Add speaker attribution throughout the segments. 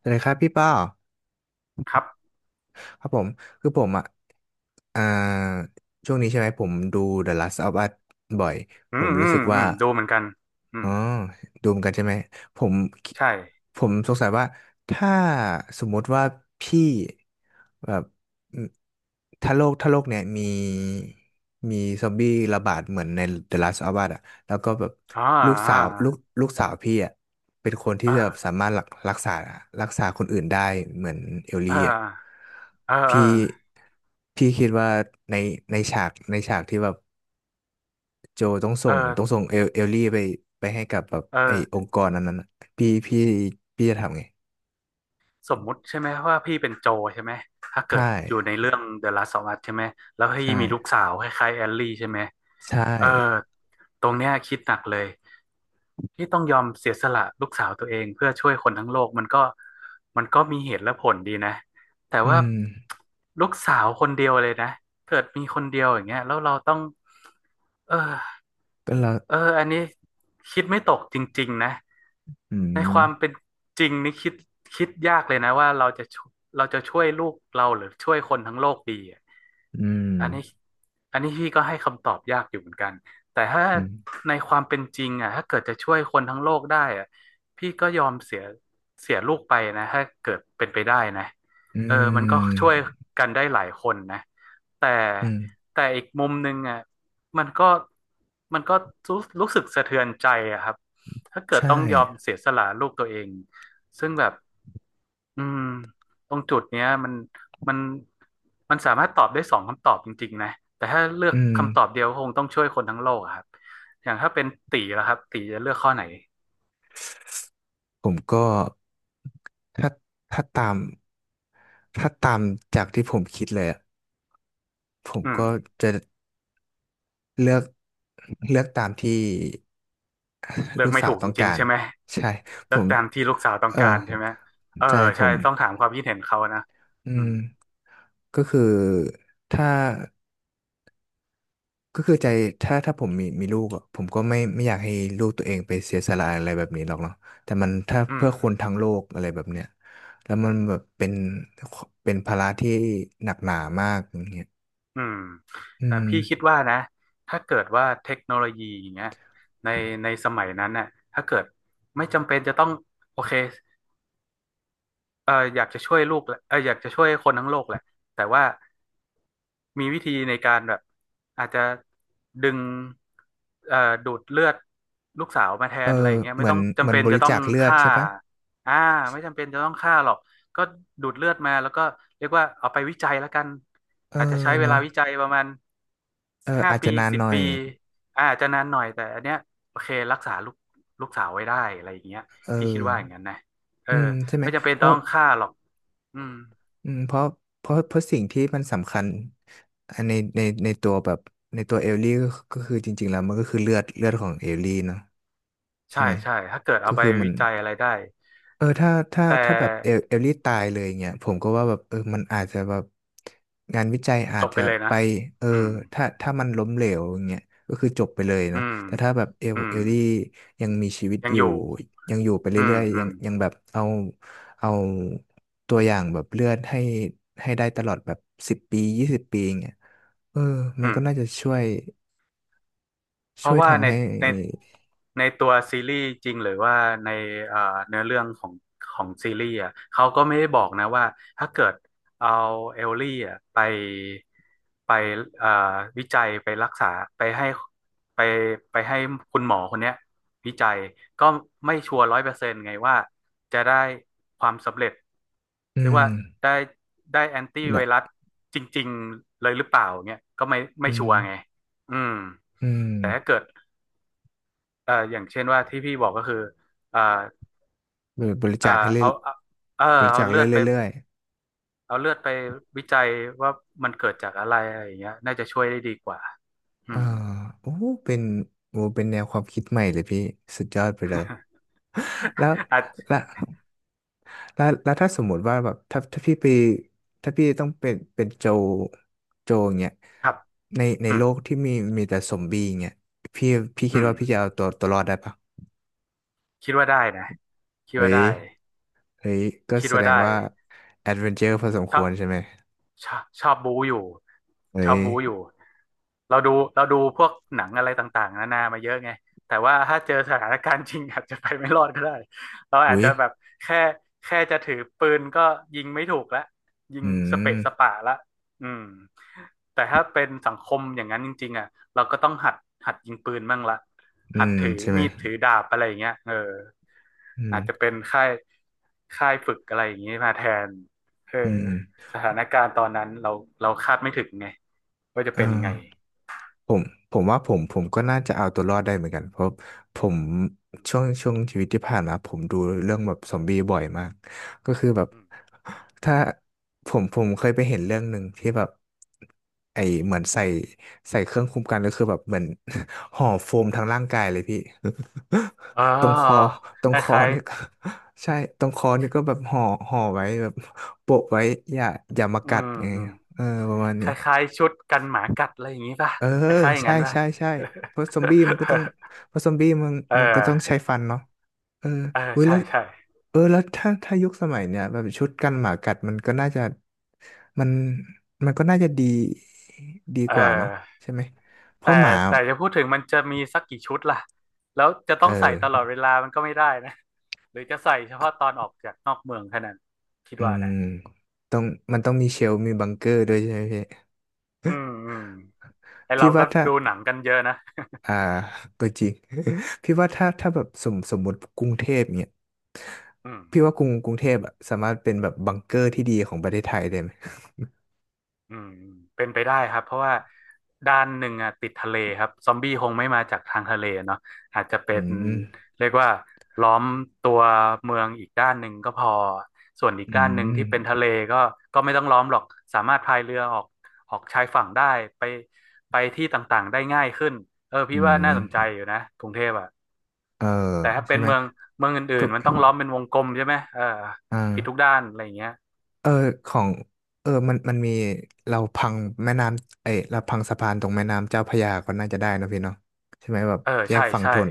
Speaker 1: สวัสดีครับพี่ป้อ
Speaker 2: ครับ
Speaker 1: ครับผมคือผมอ่ะอ่าช่วงนี้ใช่ไหมผมดู The Last of Us บ่อย
Speaker 2: อื
Speaker 1: ผม
Speaker 2: มอื
Speaker 1: รู้สึ
Speaker 2: ม
Speaker 1: ก
Speaker 2: อื
Speaker 1: ว่า
Speaker 2: มดูเหมือนกันอื
Speaker 1: อ๋
Speaker 2: ม
Speaker 1: อดูเหมือนกันใช่ไหมผม
Speaker 2: ใช่
Speaker 1: ผมสงสัยว่าถ้าสมมติว่าพี่แบบอืมถ้าโลกเนี่ยมีมีซอมบี้ระบาดเหมือนใน The Last of Us อ่ะแล้วก็แบบ
Speaker 2: อ่า
Speaker 1: ลูกสา
Speaker 2: อ่า
Speaker 1: วลูกลูกสาวพี่อ่ะ เป็นคนที่
Speaker 2: เอ
Speaker 1: จะแบ
Speaker 2: อ
Speaker 1: บสามารถรักษารักษาคนอื่นได้เหมือนเอล
Speaker 2: เอ
Speaker 1: ลี่
Speaker 2: อ
Speaker 1: อ่ะ
Speaker 2: เออเออ
Speaker 1: พี่พี่คิดว่าในในฉากที่แบบโจต้องส่
Speaker 2: เอ
Speaker 1: งต้อง
Speaker 2: อ
Speaker 1: ส่งเอลลี่ไปไปให้กับแบบ
Speaker 2: เอ
Speaker 1: ไอ้อ
Speaker 2: อ
Speaker 1: งค์กรนั้นอะพี่พี่พี่จะทำไง
Speaker 2: สมมุติใช่ไหมว่าพี่เป็นโจใช่ไหมถ้าเกิ
Speaker 1: ใช่
Speaker 2: ดอยู่ในเรื่อง The Last of Us ใช่ไหมแล้วพี่
Speaker 1: ใช่
Speaker 2: มีลูกสาวคล้ายๆแอลลี่ใช่ไหม
Speaker 1: ใช่
Speaker 2: เออตรงเนี้ยคิดหนักเลยที่ต้องยอมเสียสละลูกสาวตัวเองเพื่อช่วยคนทั้งโลกมันก็มีเหตุและผลดีนะแต่
Speaker 1: อื
Speaker 2: ว่า
Speaker 1: ม
Speaker 2: ลูกสาวคนเดียวเลยนะเกิดมีคนเดียวอย่างเงี้ยแล้วเราต้อง เออ
Speaker 1: ก็แล้ว
Speaker 2: เอออันนี้คิดไม่ตกจริงๆนะ
Speaker 1: อื
Speaker 2: ในความเป็
Speaker 1: ม
Speaker 2: นจริงนี่คิดยากเลยนะว่าเราจะช่วยลูกเราหรือช่วยคนทั้งโลกดีอะ
Speaker 1: อืม
Speaker 2: อันนี้อันนี้พี่ก็ให้คำตอบยากอยู่เหมือนกันแต่ถ้า
Speaker 1: อืม
Speaker 2: ในความเป็นจริงอ่ะถ้าเกิดจะช่วยคนทั้งโลกได้อ่ะพี่ก็ยอมเสียลูกไปนะถ้าเกิดเป็นไปได้นะ
Speaker 1: อื
Speaker 2: เออมันก็ช่วย
Speaker 1: ม
Speaker 2: กันได้หลายคนนะแต่
Speaker 1: อืม
Speaker 2: แต่อีกมุมหนึ่งอ่ะ มันก็มันก็รู้สึกสะเทือนใจอะครับถ้าเกิด
Speaker 1: ใช่
Speaker 2: ต้องยอมเสียสละลูกตัวเองซึ่งแบบอืมตรงจุดเนี้ยมันมันสามารถตอบได้สองคำตอบจริงๆนะแต่ถ้าเลือก
Speaker 1: อืม
Speaker 2: คำตอบเดียวก็คงต้องช่วยคนทั้งโลกอะครับอย่างถ้าเป็นตีแล้วครับตีจะเลือกข้อไหน
Speaker 1: ผมก็ถ้าถ้าตามถ้าตามจากที่ผมคิดเลยอะผม
Speaker 2: อืม
Speaker 1: ก็จะเลือกเลือกตามที่
Speaker 2: เลื อ
Speaker 1: ลู
Speaker 2: ก
Speaker 1: ก
Speaker 2: ไม่
Speaker 1: สา
Speaker 2: ถู
Speaker 1: ว
Speaker 2: กจ
Speaker 1: ต้อง
Speaker 2: ริ
Speaker 1: กา
Speaker 2: งๆ
Speaker 1: ร
Speaker 2: ใช่ไหม
Speaker 1: ใช่ผ
Speaker 2: เลือก
Speaker 1: ม
Speaker 2: ตามที่ลูกสาวต้อ
Speaker 1: เอ
Speaker 2: ง
Speaker 1: อ
Speaker 2: การใช่ไหมเออ
Speaker 1: ใจผ
Speaker 2: ใช่
Speaker 1: ม
Speaker 2: ต้องถามความคิดเห็นเขานะ
Speaker 1: อื
Speaker 2: อื
Speaker 1: ม
Speaker 2: ม
Speaker 1: ก็คือถ้า ก็คือใจถ้าผมมีมีลูกอะผมก็ไม่ไม่อยากให้ลูกตัวเองไปเสียสละอะไรแบบนี้หรอกเนาะแต่มันถ้า
Speaker 2: อื
Speaker 1: เพื่
Speaker 2: ม
Speaker 1: อคนทั้งโลกอะไรแบบเนี้ยแล้วมันแบบเป็นเป็นภาระที่หนักหนามากอย่างเงี้ย
Speaker 2: อืม
Speaker 1: อื
Speaker 2: แต่พี่คิด
Speaker 1: ม
Speaker 2: ว่านะถ้าเกิดว่าเทคโนโลยีอย่างเงี้ยในในสมัยนั้นน่ะถ้าเกิดไม่จำเป็นจะต้องโอเค เอออยากจะช่วยลูกแหละเอออยากจะช่วยคนทั้งโลกแหละแต่ว่ามีวิธีในการแบบอาจจะดึงเอ่อดูดเลือดลูกสาวมาแท
Speaker 1: เออ
Speaker 2: นอะไรอย่างเงี้ย
Speaker 1: เห
Speaker 2: ไม่
Speaker 1: มือ
Speaker 2: ต้
Speaker 1: น
Speaker 2: อง
Speaker 1: เห
Speaker 2: จำ
Speaker 1: มือน
Speaker 2: เป็น
Speaker 1: บ
Speaker 2: จะ
Speaker 1: ริ
Speaker 2: ต้อ
Speaker 1: จา
Speaker 2: ง
Speaker 1: คเลือด
Speaker 2: ฆ่า
Speaker 1: ใช่ปะ
Speaker 2: อ่าไม่จำเป็นจะต้องฆ่าหรอกก็ดูดเลือดมาแล้วก็เรียกว่าเอาไปวิจัยแล้วกัน
Speaker 1: เอ
Speaker 2: อาจจะ
Speaker 1: อ
Speaker 2: ใช้เวลา
Speaker 1: เนาะ
Speaker 2: วิจัยประมาณห้า
Speaker 1: อาจ
Speaker 2: ปี
Speaker 1: จะนาน
Speaker 2: สิ
Speaker 1: ห
Speaker 2: บ
Speaker 1: น่อ
Speaker 2: ปี
Speaker 1: ย
Speaker 2: อาจจะนานหน่อยแต่อันเนี้ยโอเครักษาลูกสาวไว้ได้อะไรอย่างเงี้ย
Speaker 1: เอ
Speaker 2: พี่คิด
Speaker 1: อ
Speaker 2: ว่าอย่างนั้นนะเออ
Speaker 1: อืมใช่ไหม
Speaker 2: ไม่จำเป็น
Speaker 1: เพ
Speaker 2: ต้
Speaker 1: ราะ
Speaker 2: องฆ่าหรอกอืม
Speaker 1: อืมเพราะสิ่งที่มันสำคัญอันในตัวแบบในตัวเอลลี่ก็ก็คือจริงๆแล้วมันก็คือเลือดเลือดของเอลลี่เนาะ ใช่
Speaker 2: ใช่
Speaker 1: ไหม
Speaker 2: ใช่ ถ้าเกิด
Speaker 1: ก็
Speaker 2: เอาไป
Speaker 1: คือมั
Speaker 2: วิ
Speaker 1: น
Speaker 2: จัยอะไรได้
Speaker 1: ถ้าถ้า
Speaker 2: แต่
Speaker 1: ถ้าแบบเอลลี่ตายเลยเงี้ยผมก็ว่าแบบเออมันอาจจะแบบงานวิจัยอา
Speaker 2: จ
Speaker 1: จ
Speaker 2: บไป
Speaker 1: จะ
Speaker 2: เลย
Speaker 1: ไป
Speaker 2: นะ
Speaker 1: เออ
Speaker 2: อืม
Speaker 1: ถ้ามันล้มเหลวอย่างเงี้ยก็คือจบไปเลย
Speaker 2: อื
Speaker 1: นะ
Speaker 2: ม
Speaker 1: แต่ถ้าแบบเอล
Speaker 2: อื
Speaker 1: เอ
Speaker 2: ม
Speaker 1: ลลี่ยังมีชีวิต
Speaker 2: ยัง
Speaker 1: อ
Speaker 2: อ
Speaker 1: ยู่
Speaker 2: ยู่
Speaker 1: ยังอยู่ไป
Speaker 2: อื
Speaker 1: เรื่
Speaker 2: ม
Speaker 1: อยๆ
Speaker 2: อื
Speaker 1: ยัง
Speaker 2: ม
Speaker 1: ยังแบบเอาเอาตัวอย่างแบบเลือดให้ให้ได้ตลอดแบบ10 ปี 20 ปีอย่างเงี้ยเออมัน
Speaker 2: อืม
Speaker 1: ก็น่าจะช่วย
Speaker 2: เพ
Speaker 1: ช่
Speaker 2: ราะ
Speaker 1: วย
Speaker 2: ว่า
Speaker 1: ทำให้
Speaker 2: ในในตัวซีรีส์จริงหรือว่าในเอ่อเนื้อเรื่องของซีรีส์อ่ะเขาก็ไม่ได้บอกนะว่าถ้าเกิดเอาเอลลี่อ่ะไปเอ่อวิจัยไปรักษาไปให้ไปไปให้คุณหมอคนเนี้ยวิจัยก็ไม่ชัวร์100%ไงว่าจะได้ความสำเร็จ
Speaker 1: อื
Speaker 2: หรือ
Speaker 1: ม
Speaker 2: ว่าได้ได้แอนตี้ไว
Speaker 1: เดะ
Speaker 2: รัสจริงๆเลยหรือเปล่าเนี่ยก็ไม่
Speaker 1: อื
Speaker 2: ชัว
Speaker 1: ม
Speaker 2: ร์ไง อืม
Speaker 1: อืม
Speaker 2: แต่ถ้าเกิดอย่างเช่นว่าที่พี่บอกก็คือเอ่อ
Speaker 1: หรือบริ
Speaker 2: เอ่อ
Speaker 1: จาคให้เรื่อย
Speaker 2: เอาเอาเออ
Speaker 1: บริ
Speaker 2: เอา
Speaker 1: จาค
Speaker 2: เลือดไป
Speaker 1: เรื่อย
Speaker 2: เอาเลือดไปวิจัยว่ามันเกิดจากอะไรอะไรอย่างเงี้ยน่าจะช่วยได้ดีกว่า
Speaker 1: ๆ
Speaker 2: อืม
Speaker 1: โอ้เป็นโอ้เป็นแนวความคิดใหม่เลยพี่สุดยอดไปเลยแล้ว
Speaker 2: อ่ะ
Speaker 1: แล้วแล้วถ้าสมมติว่าแบบถ้าพี่ไปถ้าพี่ต้องเป็นเป็นโจโจอย่างเงี้ย
Speaker 2: ครับ
Speaker 1: ในใน
Speaker 2: อื
Speaker 1: โล
Speaker 2: ม
Speaker 1: กที่มีมีแต่ซอมบี้อย่างเงี้ยพี่พี่
Speaker 2: อื
Speaker 1: คิด
Speaker 2: ม
Speaker 1: ว่าพี่จะเอาตัวตัวรอดได้ปะ
Speaker 2: คิดว่าได้นะคิด
Speaker 1: เฮ้
Speaker 2: ว่า
Speaker 1: ย
Speaker 2: ได้
Speaker 1: เฮ้ยก็
Speaker 2: คิด
Speaker 1: แส
Speaker 2: ว่า
Speaker 1: ดง
Speaker 2: ได้
Speaker 1: ว่าแอดเวนเจอร์พอสม
Speaker 2: ช
Speaker 1: ค
Speaker 2: อ
Speaker 1: ว
Speaker 2: บ
Speaker 1: รใช่ไหม
Speaker 2: ชอบชอบบูอยู่
Speaker 1: เฮ้
Speaker 2: ชอบ
Speaker 1: ย
Speaker 2: บูอยู่เราดูพวกหนังอะไรต่างๆนานามาเยอะไงแต่ว่าถ้าเจอสถานการณ์จริง อาจจะไปไม่รอดก็ได้เราอาจ
Speaker 1: อุ้ย
Speaker 2: จะแบบแค่แค่จะถือปืนก็ยิงไม่ถูกละยิง
Speaker 1: อื
Speaker 2: สเปะ
Speaker 1: ม
Speaker 2: สปะละอืมแต่ถ้าเป็นสังคมอย่างนั้นจริงๆอ่ะเราก็ต้องหัดยิงปืนบ้างละ
Speaker 1: อื
Speaker 2: หัด
Speaker 1: ม
Speaker 2: ถือ
Speaker 1: ใช่ไหม
Speaker 2: มีดถือดาบอะไรอย่างเงี้ยเออ
Speaker 1: อืม
Speaker 2: อาจจะเป็นค่ายฝึกอะไรอย่างงี้มาแทนเออ
Speaker 1: อืม
Speaker 2: สถานการณ์ตอนนั้นเราคาดไม่ถึงไงว่าจะ
Speaker 1: อ่า
Speaker 2: เป็นยังไง
Speaker 1: ผมผมว่าผมก็น่าจะเอาตัวรอดได้เหมือนกันเพราะผมช่วงชีวิตที่ผ่านมาผมดูเรื่องแบบซอมบี้บ่อยมากก็คือแบบ
Speaker 2: อืม
Speaker 1: ถ้าผมเคยไปเห็นเรื่องหนึ่งที่แบบไอเหมือนใส่ใส่เครื่องคุมกันก็คือแบบเหมือน ห่อโฟมทั้งร่างกายเลยพี่
Speaker 2: อ๋อ
Speaker 1: ตรงคอตร
Speaker 2: ค
Speaker 1: งคอ
Speaker 2: ล้าย
Speaker 1: เนี่ย ก็ใช่ตรงคอนี่ก็แบบห่อห่อไว้แบบโปะไว้อย่าอย่ามา
Speaker 2: ๆอื
Speaker 1: กัด
Speaker 2: ม
Speaker 1: ไง
Speaker 2: อืม
Speaker 1: เออประมาณ
Speaker 2: ค
Speaker 1: นี้
Speaker 2: ล้ายๆชุดกันหมากัดอะไรอย่างนี้ป่ะ
Speaker 1: เออ
Speaker 2: คล้ายๆอย่าง
Speaker 1: ใช่
Speaker 2: นั้นป่ะ
Speaker 1: ใช่ใช่เพราะซอมบี้มันก็ต้อง เพราะซอมบี้มัน
Speaker 2: เออ
Speaker 1: มันต้องใช้ฟันเนาะเออ
Speaker 2: เออ
Speaker 1: อุ้ย
Speaker 2: ใช่
Speaker 1: แล้ว
Speaker 2: ใช่
Speaker 1: เออแล้วถ้ายุคสมัยเนี่ยแบบชุดกันหมากัดมันก็น่าจะมันมันน่าจะดีดี
Speaker 2: เ
Speaker 1: กว่าเนาะ
Speaker 2: ออ
Speaker 1: ใช่ไหมเพ
Speaker 2: แต่
Speaker 1: ราะหมา
Speaker 2: แต่จะพูดถึงมันจะมีสักกี่ชุดล่ะแล้วจะต้
Speaker 1: เอ
Speaker 2: องใส่ตลอด
Speaker 1: อ
Speaker 2: เวลามันก็ไม่ได้นะหรือจะใส่เฉพาะตอนออกจากนอกเมืองแค่นั้นคิด
Speaker 1: อื
Speaker 2: ว่า
Speaker 1: ม
Speaker 2: นะ
Speaker 1: ต้องมันต้องมีเชลฟ์มีบังเกอร์ด้วยใช่ไหมพี่
Speaker 2: อืมอืมไอเรา
Speaker 1: พี่
Speaker 2: ก็
Speaker 1: ว่าถ้า
Speaker 2: ดูหนังกันเยอะนะ
Speaker 1: อ่าก็จริง พี่ว่าถ้าแบบสมมุติกรุงเทพเนี่ย
Speaker 2: อืม
Speaker 1: พี่ว่ากรุงเทพอะสามารถเป็นแบบบังเกอร์ที่ดีของประเทศไทยได้ไหม
Speaker 2: อืมเป็นไปได้ครับเพราะว่าด้านหนึ่งอ่ะติดทะเลครับซอมบี้คงไม่มาจากทางทะเลเนาะอาจจะเป็
Speaker 1: อื
Speaker 2: น
Speaker 1: ม
Speaker 2: เรียกว่าล้อมตัวเมืองอีกด้านหนึ่งก็พอส่วนอีก
Speaker 1: อื
Speaker 2: ด้านหนึ่งที่เป็นทะ
Speaker 1: ม
Speaker 2: เลก็ก็ไม่ต้องล้อมหรอกสามารถพายเรือออกชายฝั่งได้ไปไปที่ต่างๆได้ง่ายขึ้นเออ
Speaker 1: อื
Speaker 2: พี่ว่าน่า
Speaker 1: ม
Speaker 2: สนใจอยู่นะกรุงเทพอ่ะ
Speaker 1: เออ
Speaker 2: แต่ถ้าเป็
Speaker 1: ใช่
Speaker 2: น
Speaker 1: ไหม
Speaker 2: เมืองอื่
Speaker 1: ก็
Speaker 2: นๆมันต้องล้อมเป็นวงกลมใช่ไหมเออปิดทุก
Speaker 1: อ่า
Speaker 2: ด้านอะไรอย่างเงี้ย
Speaker 1: เออของเออมันมีเราพังแม่น้ำเอ้ยเราพังสะพานตรงแม่น้ำเจ้าพระยาก็น่าจะได้นะพี่เนาะใช่ไหมแบบ
Speaker 2: เออ
Speaker 1: แยก
Speaker 2: ใช่
Speaker 1: ฝั่ง
Speaker 2: ใช่
Speaker 1: ทน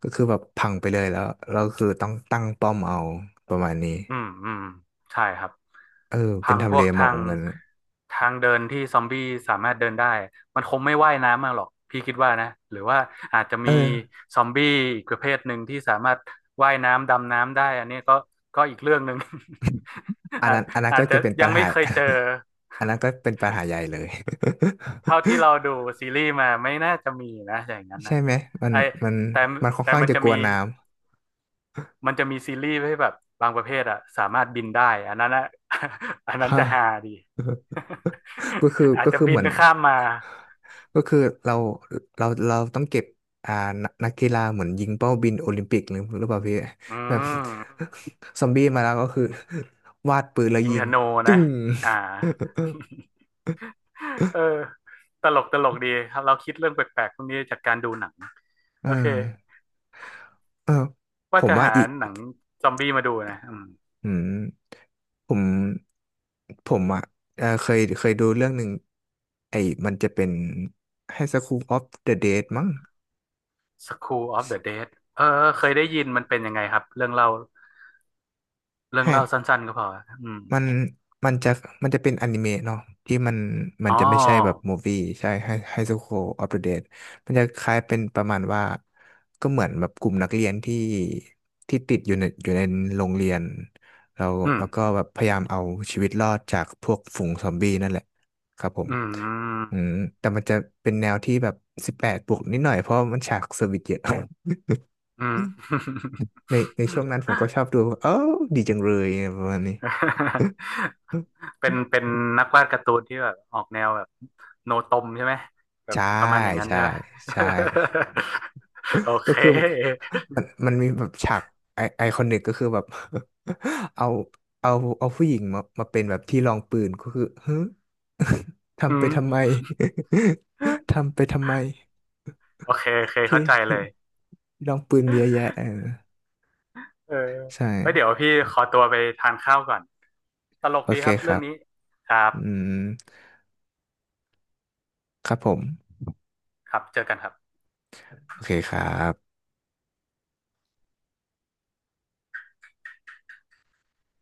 Speaker 1: ก็คือแบบพังไปเลยแล้วเราคือต้องตั้งป้อมเอาประมาณนี้
Speaker 2: อืมอืมใช่ครับ
Speaker 1: เออเป็
Speaker 2: พั
Speaker 1: น
Speaker 2: งพ
Speaker 1: ทำเล
Speaker 2: วก
Speaker 1: เห
Speaker 2: ทา
Speaker 1: มาะเห
Speaker 2: ง
Speaker 1: มือนกัน
Speaker 2: ทางเดินที่ซอมบี้สามารถเดินได้มันคงไม่ว่ายน้ำมาหรอกพี่คิดว่านะหรือว่าอาจจะ
Speaker 1: เอ
Speaker 2: มี
Speaker 1: อ
Speaker 2: ซอมบี้อีกประเภทหนึ่งที่สามารถว่ายน้ำดำน้ำได้อันนี้ก็อีกเรื่องหนึ่ง
Speaker 1: อั น
Speaker 2: อาจ
Speaker 1: นั้นอันนั้น
Speaker 2: อา
Speaker 1: ก็
Speaker 2: จจะ
Speaker 1: จะเป็นปั
Speaker 2: ยั
Speaker 1: ญ
Speaker 2: งไม่
Speaker 1: หา
Speaker 2: เคยเจอ
Speaker 1: อันนั้นก็เป็น ปัญหาใหญ่เลย
Speaker 2: เท่าที่เราดูซีรีส์มาไม่น่าจะมีนะอย่างนั้น
Speaker 1: ใช่
Speaker 2: นะ
Speaker 1: ไหมมัน
Speaker 2: ไอ
Speaker 1: มัน
Speaker 2: แต่
Speaker 1: มันค่อน
Speaker 2: แต่
Speaker 1: ข้าง
Speaker 2: มัน
Speaker 1: จะ
Speaker 2: จะ
Speaker 1: กลั
Speaker 2: มี
Speaker 1: วน้
Speaker 2: มันจะมีซีรีส์ให้แบบบางประเภทอะสามารถบินได้อันนั้นอะ อัน
Speaker 1: ำ
Speaker 2: นั้น
Speaker 1: ฮะ
Speaker 2: จะฮาดี
Speaker 1: ก็คือ
Speaker 2: อาจ
Speaker 1: ก็
Speaker 2: จะ
Speaker 1: คือ
Speaker 2: บิ
Speaker 1: เห
Speaker 2: น
Speaker 1: มือน
Speaker 2: ข้ามมา
Speaker 1: ก็คือเราเราต้องเก็บอ่านักนักกีฬาเหมือนยิงเป้าบินโอลิมปิกหรือหรือเปล่าพี่
Speaker 2: อื
Speaker 1: แบบ
Speaker 2: ม
Speaker 1: ซอมบี้มาแล้วก็คือ วาดปืนแล้ว
Speaker 2: ยิง
Speaker 1: ยิ
Speaker 2: ธ
Speaker 1: ง
Speaker 2: นู
Speaker 1: ตึ้
Speaker 2: นะ
Speaker 1: ง
Speaker 2: อ่า เออตลกตลกดีครับเราคิดเรื่องแปลกๆพวกนี้จากการดูหนัง
Speaker 1: เอ
Speaker 2: โอเค
Speaker 1: อเออผ
Speaker 2: ว่า
Speaker 1: ม
Speaker 2: จะ
Speaker 1: ว่า
Speaker 2: หา
Speaker 1: อีก
Speaker 2: หนังซอมบี้มาดูนะอืม
Speaker 1: อืมผมผมอ่ะเคยเคยดูเรื่องหนึ่งไอ้มันจะเป็นให้ School of the Dead มั้ง
Speaker 2: School of the Dead เออเคยได้ยินมันเป็นยังไงครับเรื่องเล่าสั้นๆก็พออืม
Speaker 1: มันมันจะมันจะเป็นอนิเมะเนาะที่มันมัน
Speaker 2: อ๋อ
Speaker 1: จะไม่ใช่แบบมูฟี่ใช่ไฮไฮสคูลออฟเดอะเดดมันจะคล้ายเป็นประมาณว่าก็เหมือนแบบกลุ่มนักเรียนที่ที่ติดอยู่ในอยู่ในโรงเรียนแล้ว
Speaker 2: อืม
Speaker 1: แล้วก็แบบพยายามเอาชีวิตรอดจากพวกฝูงซอมบี้นั่นแหละครับผม
Speaker 2: อืม
Speaker 1: อืมแต่มันจะเป็นแนวที่แบบ18+นิดหน่อยเพราะมันฉากเซอร์วิสเยอะ
Speaker 2: อืม
Speaker 1: ในในช่วงนั้นผมก็ชอบดูเออดีจังเลยประมาณนี้
Speaker 2: เป็น เป็นนักวาดการ์ตูนที่แบบออกแนวแบบโนตมใช่ไหมแบบ
Speaker 1: ใช่
Speaker 2: ประมาณอย่างนั้น
Speaker 1: ใช่
Speaker 2: ใช่ไหม
Speaker 1: ใช่
Speaker 2: โอ
Speaker 1: ก็
Speaker 2: เค
Speaker 1: คือ มันมีแบบฉากไอคอนิกก็คือแบบ เอาเอาเอาผู้หญิงมามาเป็นแบบที่รองปืนก็คือฮึ
Speaker 2: อื
Speaker 1: ทำไป
Speaker 2: ม
Speaker 1: ทำไม ทำไปทำไม
Speaker 2: โอเคโอเค
Speaker 1: ที่
Speaker 2: เข้าใจ
Speaker 1: ที่
Speaker 2: เลย
Speaker 1: ลองปืนมีเยอะแยะเออ
Speaker 2: เออ
Speaker 1: ใช่
Speaker 2: ไว้เดี๋ยวพี่ขอตัวไปทานข้าวก่อน ตลก
Speaker 1: โอ
Speaker 2: ดี
Speaker 1: เค
Speaker 2: ครับ
Speaker 1: ค
Speaker 2: เรื่
Speaker 1: รั
Speaker 2: อง
Speaker 1: บ
Speaker 2: นี้ ครับ
Speaker 1: อืมครับผม
Speaker 2: ครับเจอกันครับ
Speaker 1: โอเคครับ